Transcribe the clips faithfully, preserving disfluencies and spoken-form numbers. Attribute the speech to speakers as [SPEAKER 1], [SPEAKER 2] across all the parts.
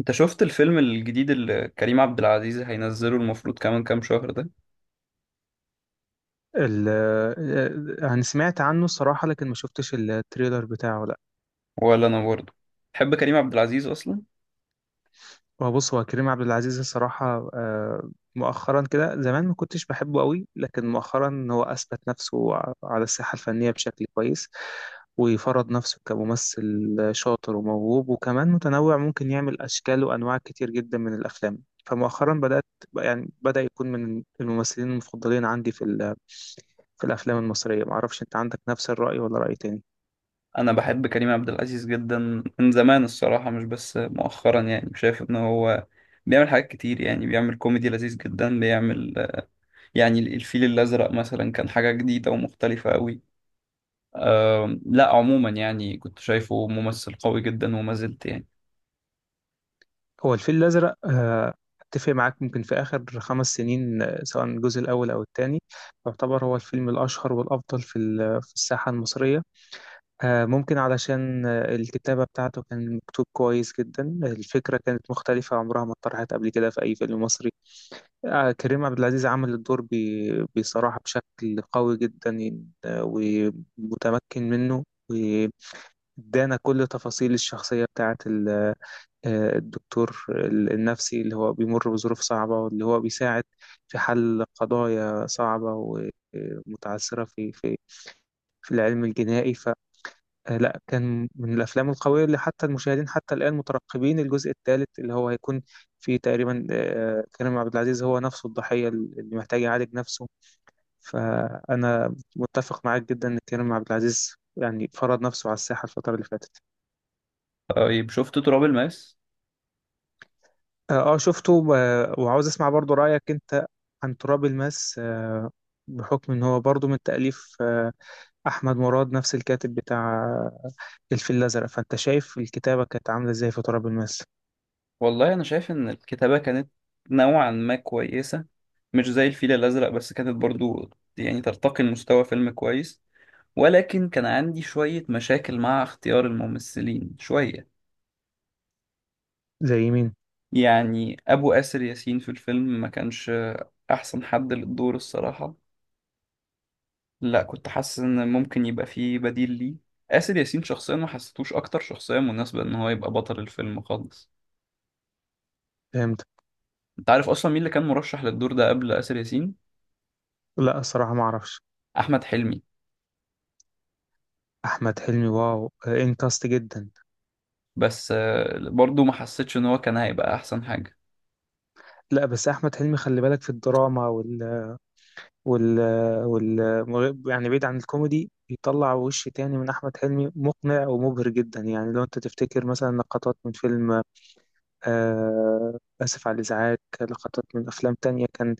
[SPEAKER 1] انت شفت الفيلم الجديد اللي كريم عبد العزيز هينزله المفروض كمان كام شهر ده؟
[SPEAKER 2] ال آه، يعني سمعت عنه الصراحة، لكن ما شفتش التريلر بتاعه، لا.
[SPEAKER 1] ولا انا برضه. تحب كريم عبد العزيز اصلا؟
[SPEAKER 2] هو بص هو كريم عبد العزيز الصراحة، آه، مؤخرا كده، زمان ما كنتش بحبه قوي، لكن مؤخرا هو أثبت نفسه ع- على الساحة الفنية بشكل كويس، وفرض نفسه كممثل شاطر وموهوب، وكمان متنوع، ممكن يعمل أشكال وأنواع كتير جدا من الأفلام. فمؤخرا بدأت، يعني بدأ يكون من الممثلين المفضلين عندي في ال- في الأفلام المصرية. معرفش، أنت عندك نفس الرأي ولا رأي تاني؟
[SPEAKER 1] انا بحب كريم عبد العزيز جدا من زمان الصراحة، مش بس مؤخرا. يعني شايف ان هو بيعمل حاجات كتير، يعني بيعمل كوميدي لذيذ جدا، بيعمل يعني الفيل الازرق مثلا كان حاجة جديدة ومختلفة قوي. أم، لا عموما يعني كنت شايفه ممثل قوي جدا وما زلت يعني.
[SPEAKER 2] هو الفيل الأزرق، آه، أتفق معاك. ممكن في آخر خمس سنين، آه، سواء الجزء الأول أو الثاني، يعتبر هو الفيلم الأشهر والأفضل في ال- في الساحة المصرية. آه، ممكن علشان آه، الكتابة بتاعته كان مكتوب كويس جدا، الفكرة كانت مختلفة، عمرها ما اتطرحت قبل كده في أي فيلم مصري. آه، كريم عبد العزيز عمل الدور ب- بصراحة بشكل قوي جدا، آه، ومتمكن منه، وادانا كل تفاصيل الشخصية بتاعت آه، الدكتور ال- النفسي، اللي هو بيمر بظروف صعبة، واللي هو بيساعد في حل قضايا صعبة ومتعثرة في في في العلم الجنائي. فلا، كان من الأفلام القوية اللي حتى المشاهدين حتى الآن مترقبين الجزء الثالث، اللي هو هيكون فيه تقريبا آه، كريم عبد العزيز هو نفسه الضحية اللي محتاج يعالج نفسه. فأنا متفق معاك جدا إن كريم عبد العزيز يعني فرض نفسه على الساحة الفترة اللي فاتت.
[SPEAKER 1] طيب شفت تراب الماس؟
[SPEAKER 2] اه، آه، شفته، و- وعاوز اسمع برضو رأيك انت عن تراب الماس. آه، بحكم ان هو برضو من تأليف آه، احمد مراد، نفس الكاتب بتاع آه، الفيل الازرق، فانت شايف الكتابة كانت عاملة ازاي في تراب الماس؟
[SPEAKER 1] والله انا شايف ان الكتابة كانت نوعا ما كويسة، مش زي الفيل الازرق، بس كانت برضو يعني ترتقي لمستوى فيلم كويس. ولكن كان عندي شوية مشاكل مع اختيار الممثلين شوية.
[SPEAKER 2] زي مين؟
[SPEAKER 1] يعني ابو آسر ياسين في الفيلم ما كانش احسن حد للدور الصراحة. لا، كنت حاسس ان ممكن يبقى فيه بديل ليه. آسر ياسين شخصيا ما حسيتوش اكتر شخصية مناسبة ان هو يبقى بطل الفيلم خالص.
[SPEAKER 2] فهمت.
[SPEAKER 1] انت عارف اصلا مين اللي كان مرشح للدور ده قبل آسر ياسين؟
[SPEAKER 2] لا، الصراحة ما اعرفش.
[SPEAKER 1] احمد حلمي.
[SPEAKER 2] احمد حلمي؟ واو، آه، انت قصت جدا.
[SPEAKER 1] بس آه، برضو ما حسيتش ان هو كان هيبقى احسن حاجة.
[SPEAKER 2] لا، بس احمد حلمي خلي بالك، في الدراما وال وال وال يعني بعيد عن الكوميدي، بيطلع وش تاني من احمد حلمي مقنع ومبهر جدا، يعني لو انت تفتكر مثلا لقطات من فيلم آه، آسف على الإزعاج، لقطات من أفلام تانية كان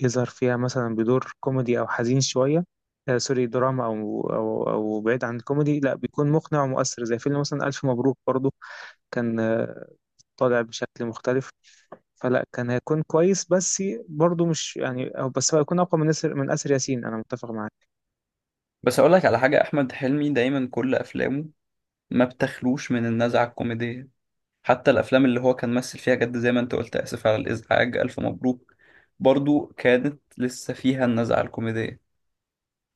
[SPEAKER 2] يظهر فيها مثلا بدور كوميدي أو حزين شوية، آه، سوري، دراما، أو أو أو بعيد عن الكوميدي، لا بيكون مقنع ومؤثر زي فيلم مثلا ألف مبروك، برضو كان آه، طالع بشكل مختلف. فلا، كان هيكون كويس، بس برضو مش يعني، أو بس هو هيكون أقوى من أسر من آسر ياسين، أنا متفق معاك.
[SPEAKER 1] بس اقول لك على حاجة، احمد حلمي دايما كل افلامه ما بتخلوش من النزعة الكوميدية. حتى الافلام اللي هو كان مثل فيها جد، زي ما انت قلت، اسف على الازعاج، الف مبروك، برضو كانت لسه فيها النزعة الكوميدية.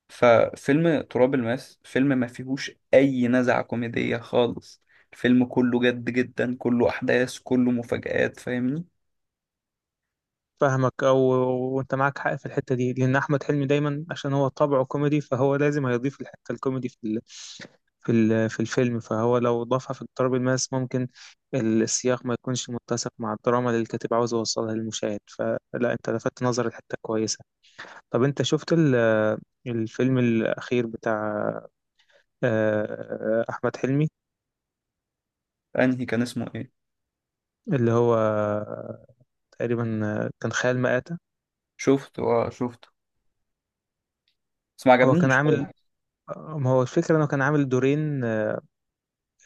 [SPEAKER 1] ففيلم تراب الماس فيلم ما فيهوش اي نزعة كوميدية خالص. الفيلم كله جد جدا، كله احداث، كله مفاجآت، فاهمني؟
[SPEAKER 2] فاهمك. او، وانت معاك حق في الحته دي، لان احمد حلمي دايما، عشان هو طبعه كوميدي، فهو لازم هيضيف الحته الكوميدي في ال... في ال... في الفيلم، فهو لو ضافها في اضطراب الماس ممكن السياق ما يكونش متسق مع الدراما اللي الكاتب عاوز يوصلها للمشاهد. فلا، انت لفتت نظر، الحته كويسه. طب انت شفت ال... الفيلم الاخير بتاع آه، احمد حلمي؟
[SPEAKER 1] انهي كان اسمه ايه؟
[SPEAKER 2] اللي هو تقريبا كان خيال مآتة.
[SPEAKER 1] شفته، اه شفته. بس ما
[SPEAKER 2] هو كان
[SPEAKER 1] عجبنيش
[SPEAKER 2] عامل،
[SPEAKER 1] خالص.
[SPEAKER 2] ما هو الفكرة انه كان عامل دورين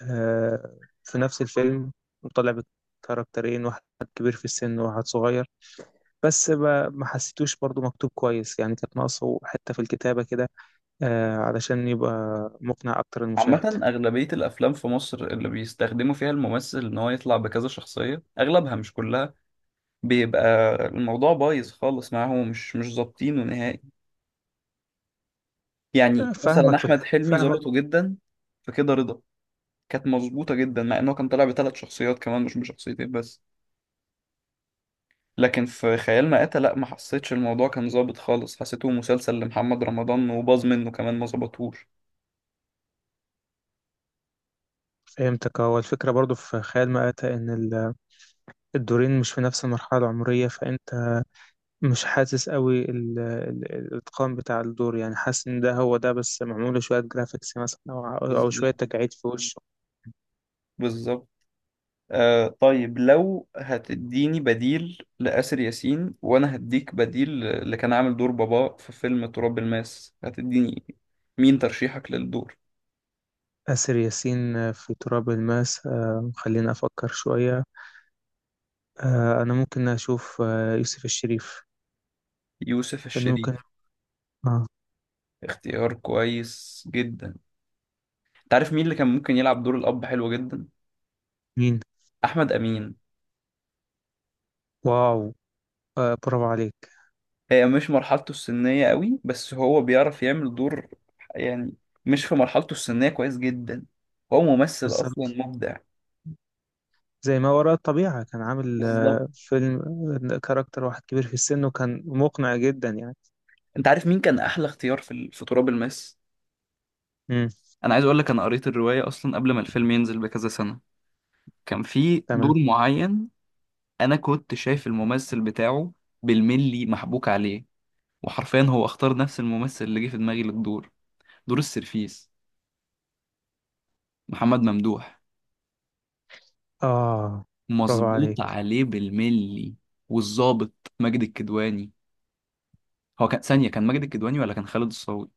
[SPEAKER 2] آه، في نفس الفيلم، وطلع بكاركترين، واحد كبير في السن وواحد صغير، بس ما ما حسيتوش برضو مكتوب كويس، يعني كانت ناقصه حتة في الكتابة كده، آه، علشان يبقى مقنع أكتر المشاهد.
[SPEAKER 1] عامة أغلبية الأفلام في مصر اللي بيستخدموا فيها الممثل إن هو يطلع بكذا شخصية، أغلبها مش كلها، بيبقى الموضوع بايظ خالص معاهم، مش مش ظابطينه نهائي. يعني
[SPEAKER 2] آه،
[SPEAKER 1] مثلا
[SPEAKER 2] فاهمك، في
[SPEAKER 1] أحمد
[SPEAKER 2] الح...
[SPEAKER 1] حلمي
[SPEAKER 2] فاهمك.
[SPEAKER 1] ظبطه جدا في كده رضا، كانت مظبوطة جدا، مع إنه كان طالع بثلاث شخصيات كمان، مش بشخصيتين بس. لكن في خيال مآتة لأ، ما حسيتش الموضوع كان ظابط خالص، حسيته مسلسل لمحمد رمضان وباظ منه كمان، ما ظبطوش.
[SPEAKER 2] فهمتك. هو الفكرة برضو في خيال مآتة إن ال- الدورين مش في نفس المرحلة العمرية، فأنت مش حاسس قوي ال... ال... الإتقان بتاع الدور، يعني حاسس إن ده هو ده بس معمول له شوية جرافيكس مثلا، أو أو شوية
[SPEAKER 1] بالظبط.
[SPEAKER 2] تجاعيد في وشه.
[SPEAKER 1] بالظبط. آه طيب، لو هتديني بديل لآسر ياسين، وانا هديك بديل اللي كان عامل دور بابا في فيلم تراب الماس، هتديني مين ترشيحك للدور؟
[SPEAKER 2] آسر ياسين آه، في تراب الماس، آه، خليني أفكر شوية. آه، أنا ممكن أشوف، آه، يوسف الشريف
[SPEAKER 1] يوسف
[SPEAKER 2] كان
[SPEAKER 1] الشريف؟
[SPEAKER 2] ممكن. آه
[SPEAKER 1] اختيار كويس جدا. تعرف مين اللي كان ممكن يلعب دور الاب حلو جدا؟
[SPEAKER 2] مين؟
[SPEAKER 1] احمد امين.
[SPEAKER 2] واو، آه برافو عليك.
[SPEAKER 1] هي مش مرحلته السنية قوي، بس هو بيعرف يعمل دور، يعني مش في مرحلته السنية كويس جدا. هو ممثل اصلا
[SPEAKER 2] بالظبط،
[SPEAKER 1] مبدع.
[SPEAKER 2] زي ما وراء الطبيعة كان عامل
[SPEAKER 1] بالظبط.
[SPEAKER 2] آه فيلم، آه، كاركتر واحد كبير في السن وكان مقنع جدا يعني.
[SPEAKER 1] انت عارف مين كان احلى اختيار في في تراب الماس؟
[SPEAKER 2] مم.
[SPEAKER 1] انا عايز اقول لك، انا قريت الرواية اصلا قبل ما الفيلم ينزل بكذا سنة. كان في
[SPEAKER 2] تمام،
[SPEAKER 1] دور معين، انا كنت شايف الممثل بتاعه بالملي محبوك عليه، وحرفيا هو اختار نفس الممثل اللي جه في دماغي للدور. دور السرفيس، محمد ممدوح،
[SPEAKER 2] آه برافو
[SPEAKER 1] مظبوط
[SPEAKER 2] عليك.
[SPEAKER 1] عليه بالملي. والظابط ماجد الكدواني، هو كان ثانية، كان ماجد الكدواني ولا كان خالد الصاوي؟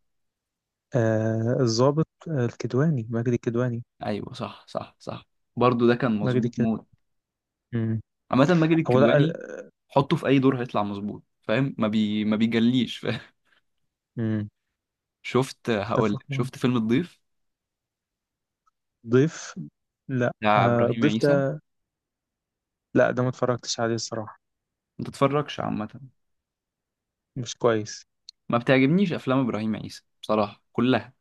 [SPEAKER 2] آه الضابط، آه الكدواني، مجدي الكدواني.
[SPEAKER 1] ايوه، صح صح صح، برضه ده كان
[SPEAKER 2] مجدي
[SPEAKER 1] مظبوط
[SPEAKER 2] الكدواني.
[SPEAKER 1] موت.
[SPEAKER 2] مم.
[SPEAKER 1] عامة ماجد
[SPEAKER 2] هو لا،
[SPEAKER 1] الكدواني
[SPEAKER 2] آه،
[SPEAKER 1] حطه في اي دور هيطلع مظبوط، فاهم؟ ما بي ما بيجليش.
[SPEAKER 2] مم.
[SPEAKER 1] شفت، هقول
[SPEAKER 2] اتفق
[SPEAKER 1] لك،
[SPEAKER 2] معاك.
[SPEAKER 1] شفت فيلم الضيف
[SPEAKER 2] ضيف؟ لا،
[SPEAKER 1] بتاع
[SPEAKER 2] آه
[SPEAKER 1] ابراهيم
[SPEAKER 2] الضيف
[SPEAKER 1] عيسى؟
[SPEAKER 2] ده، لا ده ما اتفرجتش عليه الصراحة.
[SPEAKER 1] ما تتفرجش عامه.
[SPEAKER 2] مش كويس.
[SPEAKER 1] ما بتعجبنيش افلام ابراهيم عيسى بصراحه كلها.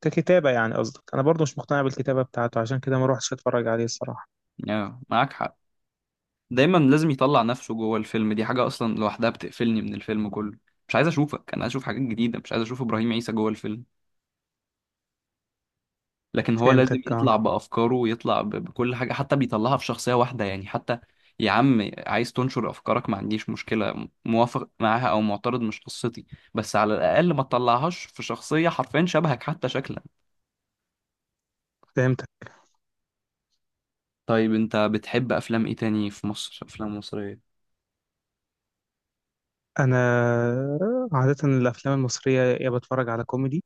[SPEAKER 2] ككتابة يعني قصدك؟ أنا برضو مش مقتنع بالكتابة بتاعته، عشان كده ما روحتش أتفرج عليه الصراحة.
[SPEAKER 1] آه، معاك حق. دايما لازم يطلع نفسه جوه الفيلم، دي حاجه اصلا لوحدها بتقفلني من الفيلم كله. مش عايز اشوفك، انا عايز اشوف حاجات جديده، مش عايز اشوف ابراهيم عيسى جوه الفيلم. لكن هو لازم
[SPEAKER 2] فهمتك،
[SPEAKER 1] يطلع
[SPEAKER 2] اه،
[SPEAKER 1] بأفكاره، ويطلع ب- بكل حاجة، حتى بيطلعها في شخصية واحدة يعني حتى. يا عم، عايز تنشر أفكارك، ما عنديش مشكلة، م- موافق معاها أو معترض، مش قصتي. بس على الأقل ما تطلعهاش في شخصية حرفيا شبهك حتى شكلا.
[SPEAKER 2] فهمتك.
[SPEAKER 1] طيب أنت بتحب أفلام إيه تاني في مصر، أفلام مصرية؟
[SPEAKER 2] أنا عادة الأفلام المصرية، يا بتفرج على كوميدي،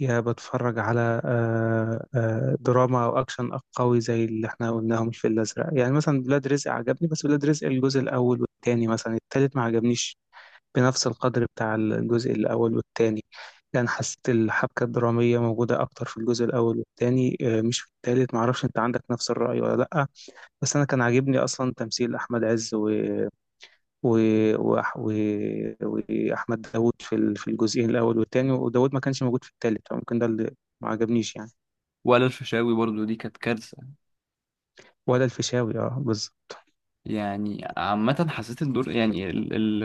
[SPEAKER 2] يا بتفرج على آه، آه، دراما أو أكشن قوي زي اللي احنا قلناهم في الأزرق. يعني مثلا ولاد رزق عجبني، بس ولاد رزق الجزء الأول والتاني، مثلا التالت ما عجبنيش بنفس القدر بتاع الجزء الأول والتاني، يعني حسيت الحبكة الدرامية موجودة أكتر في الجزء الأول والتاني، آه، مش في التالت. معرفش، أنت عندك نفس الرأي ولا لأ؟ بس أنا كان عاجبني أصلا تمثيل أحمد عز و... و... و... و... وأحمد داوود في ال- في الجزئين الأول والتاني، وداوود ما كانش موجود في التالت، فممكن ده اللي ما عجبنيش يعني.
[SPEAKER 1] ولا الفيشاوي برضو، دي كانت كارثة.
[SPEAKER 2] ولا الفيشاوي، اه، بز-
[SPEAKER 1] يعني عامة حسيت الدور، يعني ال- ال-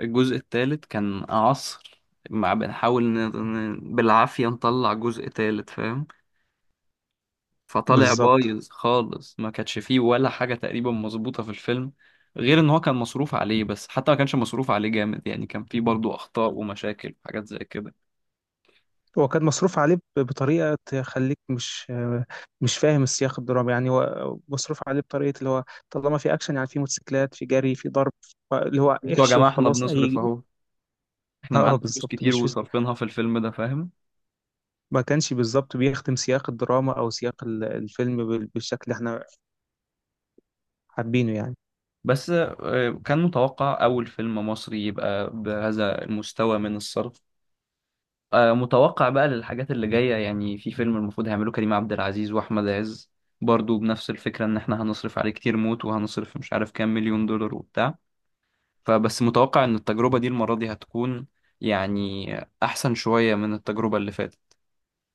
[SPEAKER 1] الجزء الثالث كان عصر، مع بنحاول ن- ن- بالعافية نطلع جزء ثالث، فاهم؟ فطالع
[SPEAKER 2] بالظبط.
[SPEAKER 1] بايظ خالص، ما كانش فيه ولا حاجة تقريبا مظبوطة في الفيلم، غير ان هو كان مصروف عليه. بس حتى ما كانش مصروف عليه جامد، يعني كان فيه برضو اخطاء ومشاكل وحاجات زي كده.
[SPEAKER 2] هو كان مصروف عليه ب- بطريقة تخليك مش مش فاهم السياق الدرامي، يعني هو مصروف عليه بطريقة اللي هو طالما في أكشن، يعني في موتوسيكلات، في جري، في ضرب، ف- اللي هو
[SPEAKER 1] انتوا يا
[SPEAKER 2] احشي
[SPEAKER 1] جماعة، احنا
[SPEAKER 2] وخلاص،
[SPEAKER 1] بنصرف
[SPEAKER 2] أي.
[SPEAKER 1] اهو، احنا
[SPEAKER 2] اه،
[SPEAKER 1] معانا فلوس
[SPEAKER 2] بالظبط.
[SPEAKER 1] كتير
[SPEAKER 2] مش في...
[SPEAKER 1] وصرفينها في الفيلم ده، فاهم؟
[SPEAKER 2] ما كانش بالظبط بيخدم سياق الدراما أو سياق ال- الفيلم بال- بالشكل اللي احنا حابينه يعني.
[SPEAKER 1] بس آه، كان متوقع اول فيلم مصري يبقى بهذا المستوى من الصرف. آه، متوقع بقى للحاجات اللي جاية، يعني في فيلم المفروض هيعملوه كريم عبد العزيز وأحمد عز، برضو بنفس الفكرة، إن إحنا هنصرف عليه كتير موت، وهنصرف مش عارف كام مليون دولار وبتاع. فبس متوقع إن التجربة دي المرة دي هتكون يعني أحسن شوية من التجربة اللي فاتت.